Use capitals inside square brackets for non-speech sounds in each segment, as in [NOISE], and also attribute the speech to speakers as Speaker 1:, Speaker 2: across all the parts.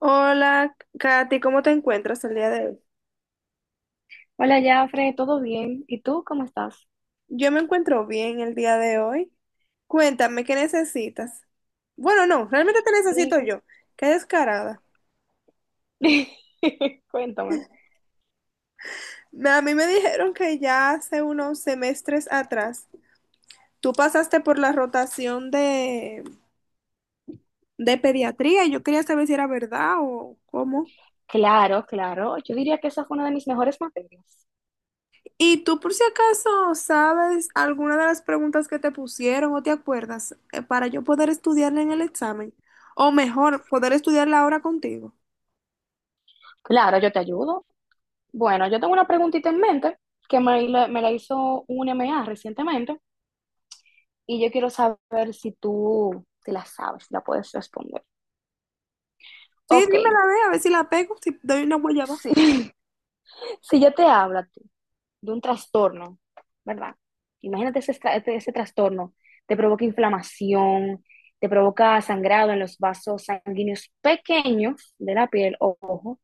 Speaker 1: Hola, Katy, ¿cómo te encuentras el día de hoy?
Speaker 2: Hola, Jafre, ¿todo bien? ¿Y tú cómo estás?
Speaker 1: Yo me encuentro bien el día de hoy. Cuéntame, ¿qué necesitas? Bueno, no, realmente te
Speaker 2: Mi-
Speaker 1: necesito yo. Qué descarada.
Speaker 2: [LAUGHS] Cuéntame.
Speaker 1: A mí me dijeron que ya hace unos semestres atrás tú pasaste por la rotación de pediatría y yo quería saber si era verdad o cómo.
Speaker 2: Claro, claro. Yo diría que esa fue una de mis mejores materias.
Speaker 1: ¿Y tú por si acaso sabes alguna de las preguntas que te pusieron o te acuerdas para yo poder estudiarla en el examen? O mejor, poder estudiarla ahora contigo.
Speaker 2: Claro, yo te ayudo. Bueno, yo tengo una preguntita en mente que me la hizo un M. A. recientemente y yo quiero saber si tú te la sabes, si la puedes responder.
Speaker 1: Sí,
Speaker 2: Ok.
Speaker 1: dímela, ve, a ver si la pego, si doy una guayaba.
Speaker 2: Sí, [LAUGHS] si yo te hablo de un trastorno, ¿verdad? Imagínate ese trastorno, te provoca inflamación, te provoca sangrado en los vasos sanguíneos pequeños de la piel, ojo,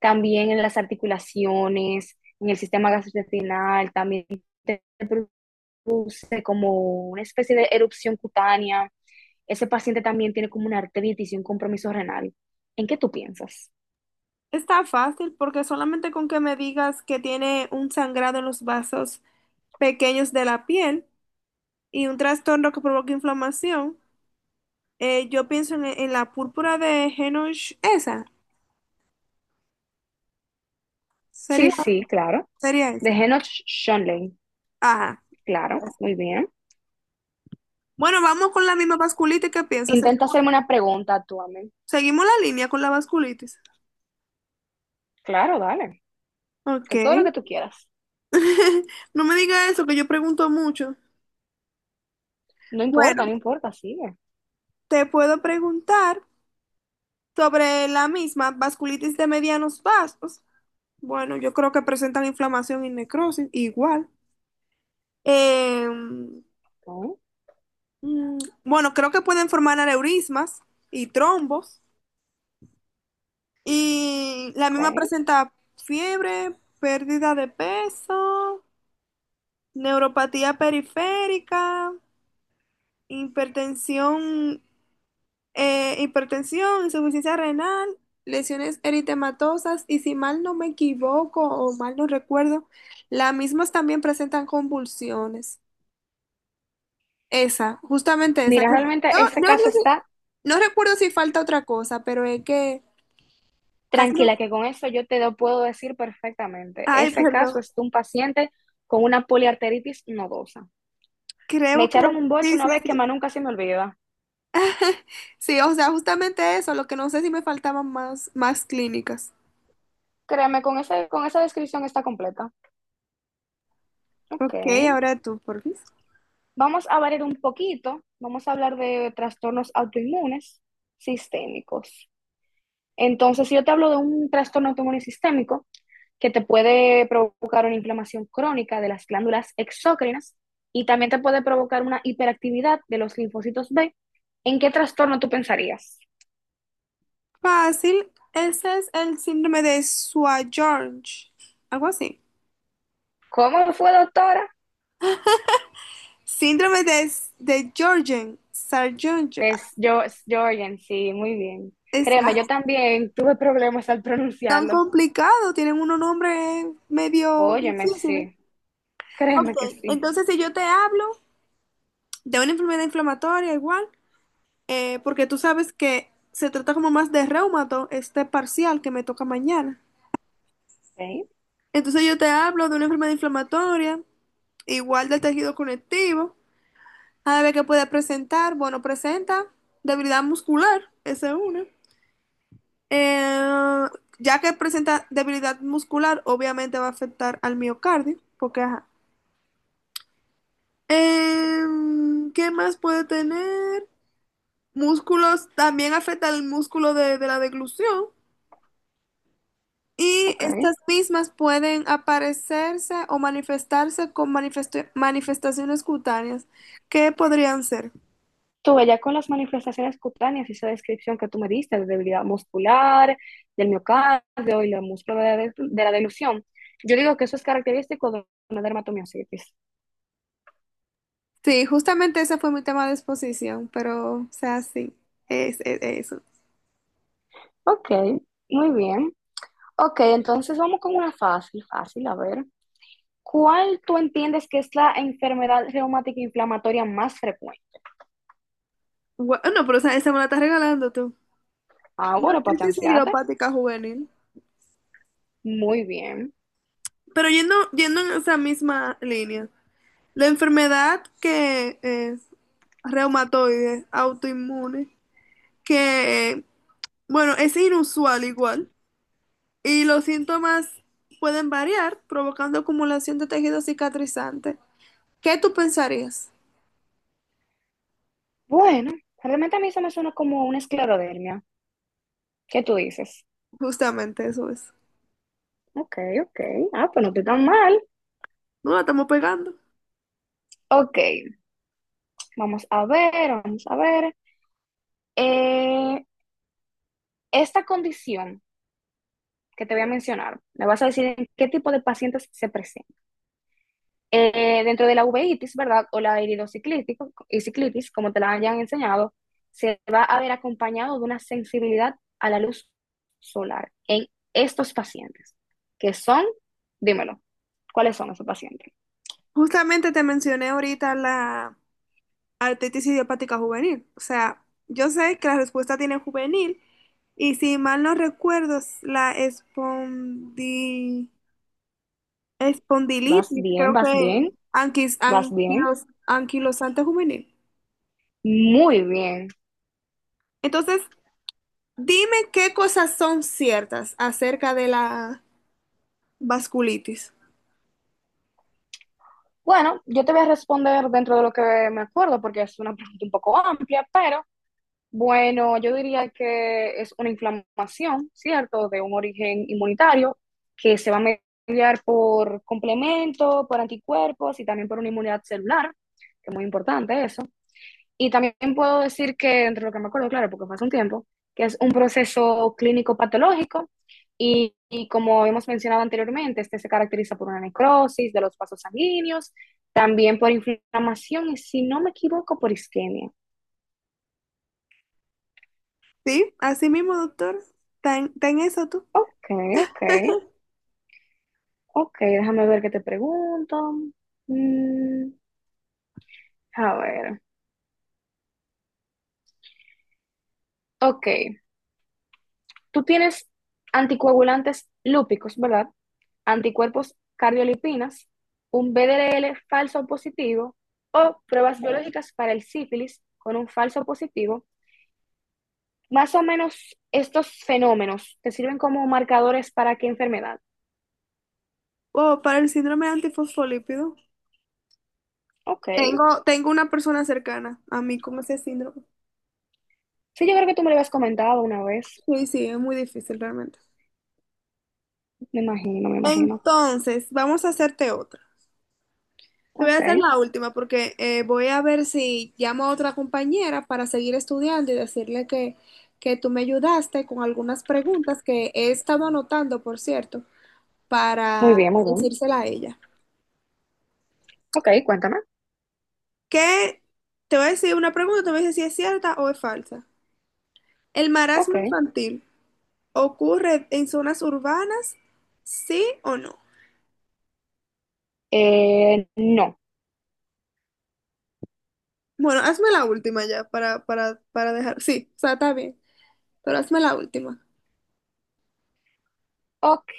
Speaker 2: también en las articulaciones, en el sistema gastrointestinal, también te produce como una especie de erupción cutánea. Ese paciente también tiene como una artritis y un compromiso renal. ¿En qué tú piensas?
Speaker 1: Está fácil porque solamente con que me digas que tiene un sangrado en los vasos pequeños de la piel y un trastorno que provoca inflamación, yo pienso en la púrpura de Henoch, esa. Sería,
Speaker 2: Sí, sí, claro.
Speaker 1: sería
Speaker 2: De
Speaker 1: esa.
Speaker 2: Henoch Schönlein,
Speaker 1: Ajá.
Speaker 2: claro, muy bien.
Speaker 1: Bueno, vamos con la misma vasculitis. ¿Qué piensas?
Speaker 2: Intenta hacerme una pregunta tú a mí.
Speaker 1: Seguimos la línea con la vasculitis.
Speaker 2: Claro, dale. Que todo lo que
Speaker 1: Ok.
Speaker 2: tú quieras.
Speaker 1: [LAUGHS] No me diga eso, que yo pregunto mucho.
Speaker 2: No importa, no
Speaker 1: Bueno,
Speaker 2: importa, sigue.
Speaker 1: te puedo preguntar sobre la misma vasculitis de medianos vasos. Bueno, yo creo que presentan inflamación y necrosis, igual. Eh, mm,
Speaker 2: Ok,
Speaker 1: bueno, creo que pueden formar aneurismas y trombos. Y la
Speaker 2: ok.
Speaker 1: misma presenta fiebre, pérdida de peso, neuropatía periférica, hipertensión, insuficiencia renal, lesiones eritematosas y si mal no me equivoco o mal no recuerdo, las mismas también presentan convulsiones. Esa, justamente esa.
Speaker 2: Mira, realmente ese caso está
Speaker 1: No recuerdo si falta otra cosa, pero es que casi
Speaker 2: tranquila,
Speaker 1: no-
Speaker 2: que con eso yo te lo puedo decir perfectamente.
Speaker 1: ay,
Speaker 2: Ese
Speaker 1: perdón.
Speaker 2: caso es de un paciente con una poliarteritis nodosa. Me
Speaker 1: Creo que
Speaker 2: echaron un boche
Speaker 1: sí, sí,
Speaker 2: una vez que más
Speaker 1: sí.
Speaker 2: nunca se me olvida.
Speaker 1: Sí, o sea, justamente eso, lo que no sé si me faltaban más, más clínicas.
Speaker 2: Créeme, con ese, con esa descripción está completa. Ok.
Speaker 1: Ok, ahora tú, por fin.
Speaker 2: Vamos a variar un poquito. Vamos a hablar de trastornos autoinmunes sistémicos. Entonces, si yo te hablo de un trastorno autoinmune sistémico que te puede provocar una inflamación crónica de las glándulas exócrinas y también te puede provocar una hiperactividad de los linfocitos B, ¿en qué trastorno tú pensarías?
Speaker 1: Fácil, ese es el síndrome de Sjögren's, algo así.
Speaker 2: ¿Cómo fue, doctora?
Speaker 1: Síndrome de Jorgen, Sjögren's.
Speaker 2: Es yo, es Jorgen, sí, muy bien.
Speaker 1: Es no
Speaker 2: Créeme, yo
Speaker 1: es
Speaker 2: también tuve problemas al
Speaker 1: tan
Speaker 2: pronunciarlo.
Speaker 1: complicado, tienen unos nombres medio
Speaker 2: Óyeme,
Speaker 1: difíciles.
Speaker 2: sí,
Speaker 1: Ok,
Speaker 2: créeme que sí.
Speaker 1: entonces si yo te hablo de una enfermedad inflamatoria igual, porque tú sabes que se trata como más de reumato, este parcial que me toca mañana.
Speaker 2: Ok,
Speaker 1: Entonces yo te hablo de una enfermedad inflamatoria, igual del tejido conectivo. A ver qué puede presentar. Bueno, presenta debilidad muscular, esa es una. Eh, ya que presenta debilidad muscular, obviamente va a afectar al miocardio, porque ajá. ¿Qué más puede tener? Músculos, también afecta al músculo de la deglución. Y
Speaker 2: ok.
Speaker 1: estas mismas pueden aparecerse o manifestarse con manifestaciones cutáneas. ¿Qué podrían ser?
Speaker 2: Tuve ya con las manifestaciones cutáneas, esa descripción que tú me diste de debilidad muscular, del miocardio y la músculo de la delusión. Yo digo que eso es característico de una dermatomiositis.
Speaker 1: Sí, justamente ese fue mi tema de exposición, pero, o sea, sí, es eso.
Speaker 2: Ok, muy bien. Ok, entonces vamos con una fácil, fácil, a ver. ¿Cuál tú entiendes que es la enfermedad reumática inflamatoria más frecuente?
Speaker 1: No, pero o sea, esa me la estás regalando tú.
Speaker 2: Ah,
Speaker 1: La
Speaker 2: bueno, para
Speaker 1: artritis
Speaker 2: chancearte.
Speaker 1: idiopática juvenil.
Speaker 2: Muy bien.
Speaker 1: Pero yendo en esa misma línea, la enfermedad que es reumatoide, autoinmune, que, bueno, es inusual igual, y los síntomas pueden variar, provocando acumulación de tejido cicatrizante. ¿Qué tú pensarías?
Speaker 2: Bueno, realmente a mí se me suena como una esclerodermia. ¿Qué tú dices?
Speaker 1: Justamente eso es.
Speaker 2: Ok, ok. Ah, pues no estoy tan mal.
Speaker 1: No la estamos pegando.
Speaker 2: Ok, vamos a ver, vamos a ver. Eh, esta condición que te voy a mencionar, me vas a decir en qué tipo de pacientes se presenta. Dentro de la uveitis, ¿verdad? O la iridociclitis, y ciclitis, como te la hayan enseñado, se va a ver acompañado de una sensibilidad a la luz solar en estos pacientes, que son, dímelo, ¿cuáles son esos pacientes?
Speaker 1: Justamente te mencioné ahorita la artritis idiopática juvenil. O sea, yo sé que la respuesta tiene juvenil y si mal no recuerdo, es la
Speaker 2: Vas
Speaker 1: espondilitis,
Speaker 2: bien,
Speaker 1: creo
Speaker 2: vas
Speaker 1: que
Speaker 2: bien, vas bien,
Speaker 1: anquilosante juvenil.
Speaker 2: muy bien.
Speaker 1: Entonces, dime qué cosas son ciertas acerca de la vasculitis.
Speaker 2: Bueno, yo te voy a responder dentro de lo que me acuerdo, porque es una pregunta un poco amplia, pero bueno, yo diría que es una inflamación, ¿cierto?, de un origen inmunitario que se va a mediar por complemento, por anticuerpos y también por una inmunidad celular, que es muy importante eso. Y también puedo decir que, entre lo que me acuerdo, claro, porque fue hace un tiempo, que es un proceso clínico patológico y como hemos mencionado anteriormente, este se caracteriza por una necrosis de los vasos sanguíneos, también por inflamación y, si no me equivoco, por isquemia.
Speaker 1: ¿Sí? Así mismo, doctor. Ten eso tú?
Speaker 2: Ok, ok, ok, déjame ver qué te pregunto. Mm, a ver, ok. Tú tienes anticoagulantes lúpicos, ¿verdad? Anticuerpos cardiolipinas, un BDL falso positivo o pruebas biológicas para el sífilis con un falso positivo. Más o menos estos fenómenos te sirven como marcadores para qué enfermedad.
Speaker 1: O para el síndrome antifosfolípido.
Speaker 2: Ok.
Speaker 1: Tengo una persona cercana a mí con ese síndrome.
Speaker 2: Sí, yo creo que tú me lo habías comentado una vez.
Speaker 1: Sí, sí, es muy difícil realmente.
Speaker 2: Me imagino, me imagino.
Speaker 1: Entonces, vamos a hacerte otra. Te voy a
Speaker 2: Ok.
Speaker 1: hacer la última porque voy a ver si llamo a otra compañera para seguir estudiando y decirle que tú me ayudaste con algunas preguntas que he estado anotando, por cierto,
Speaker 2: Muy
Speaker 1: para
Speaker 2: bien, muy bien.
Speaker 1: decírsela a ella.
Speaker 2: Ok, cuéntame.
Speaker 1: ¿Qué? Te voy a decir una pregunta, te voy a decir si es cierta o es falsa. ¿El
Speaker 2: Ok.
Speaker 1: marasmo infantil ocurre en zonas urbanas, sí o no?
Speaker 2: No.
Speaker 1: Bueno, hazme la última ya para dejar. Sí, o sea, está bien, pero hazme la última.
Speaker 2: Ok,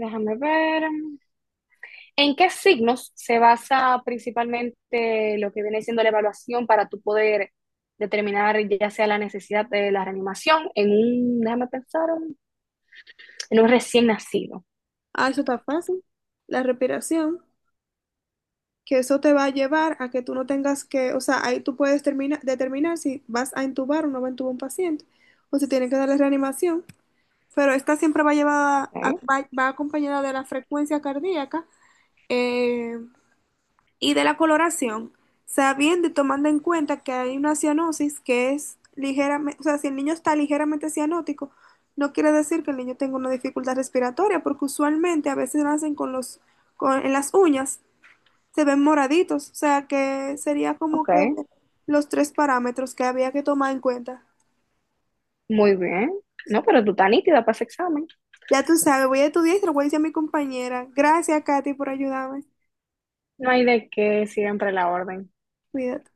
Speaker 2: déjame ver. ¿En qué signos se basa principalmente lo que viene siendo la evaluación para tu poder determinar ya sea la necesidad de la reanimación en un, déjame pensar, un- en un recién nacido?
Speaker 1: Ah, eso está fácil. La respiración, que eso te va a llevar a que tú no tengas que, o sea, ahí tú puedes determinar si vas a intubar o no va a intubar un paciente, o si tienen que darle reanimación, pero esta siempre va llevada,
Speaker 2: Ok,
Speaker 1: va acompañada de la frecuencia cardíaca, eh, y de la coloración, sabiendo y tomando en cuenta que hay una cianosis que es ligeramente, o sea, si el niño está ligeramente cianótico, no quiere decir que el niño tenga una dificultad respiratoria, porque usualmente a veces nacen con los, con, en las uñas, se ven moraditos, o sea, que sería como
Speaker 2: ok,
Speaker 1: que los tres parámetros que había que tomar en cuenta.
Speaker 2: muy bien. No, pero tú estás nítida para ese examen.
Speaker 1: Ya tú sabes, voy a estudiar y se lo voy a decir a mi compañera. Gracias, Katy, por ayudarme.
Speaker 2: No hay de qué, siempre la orden.
Speaker 1: Cuídate.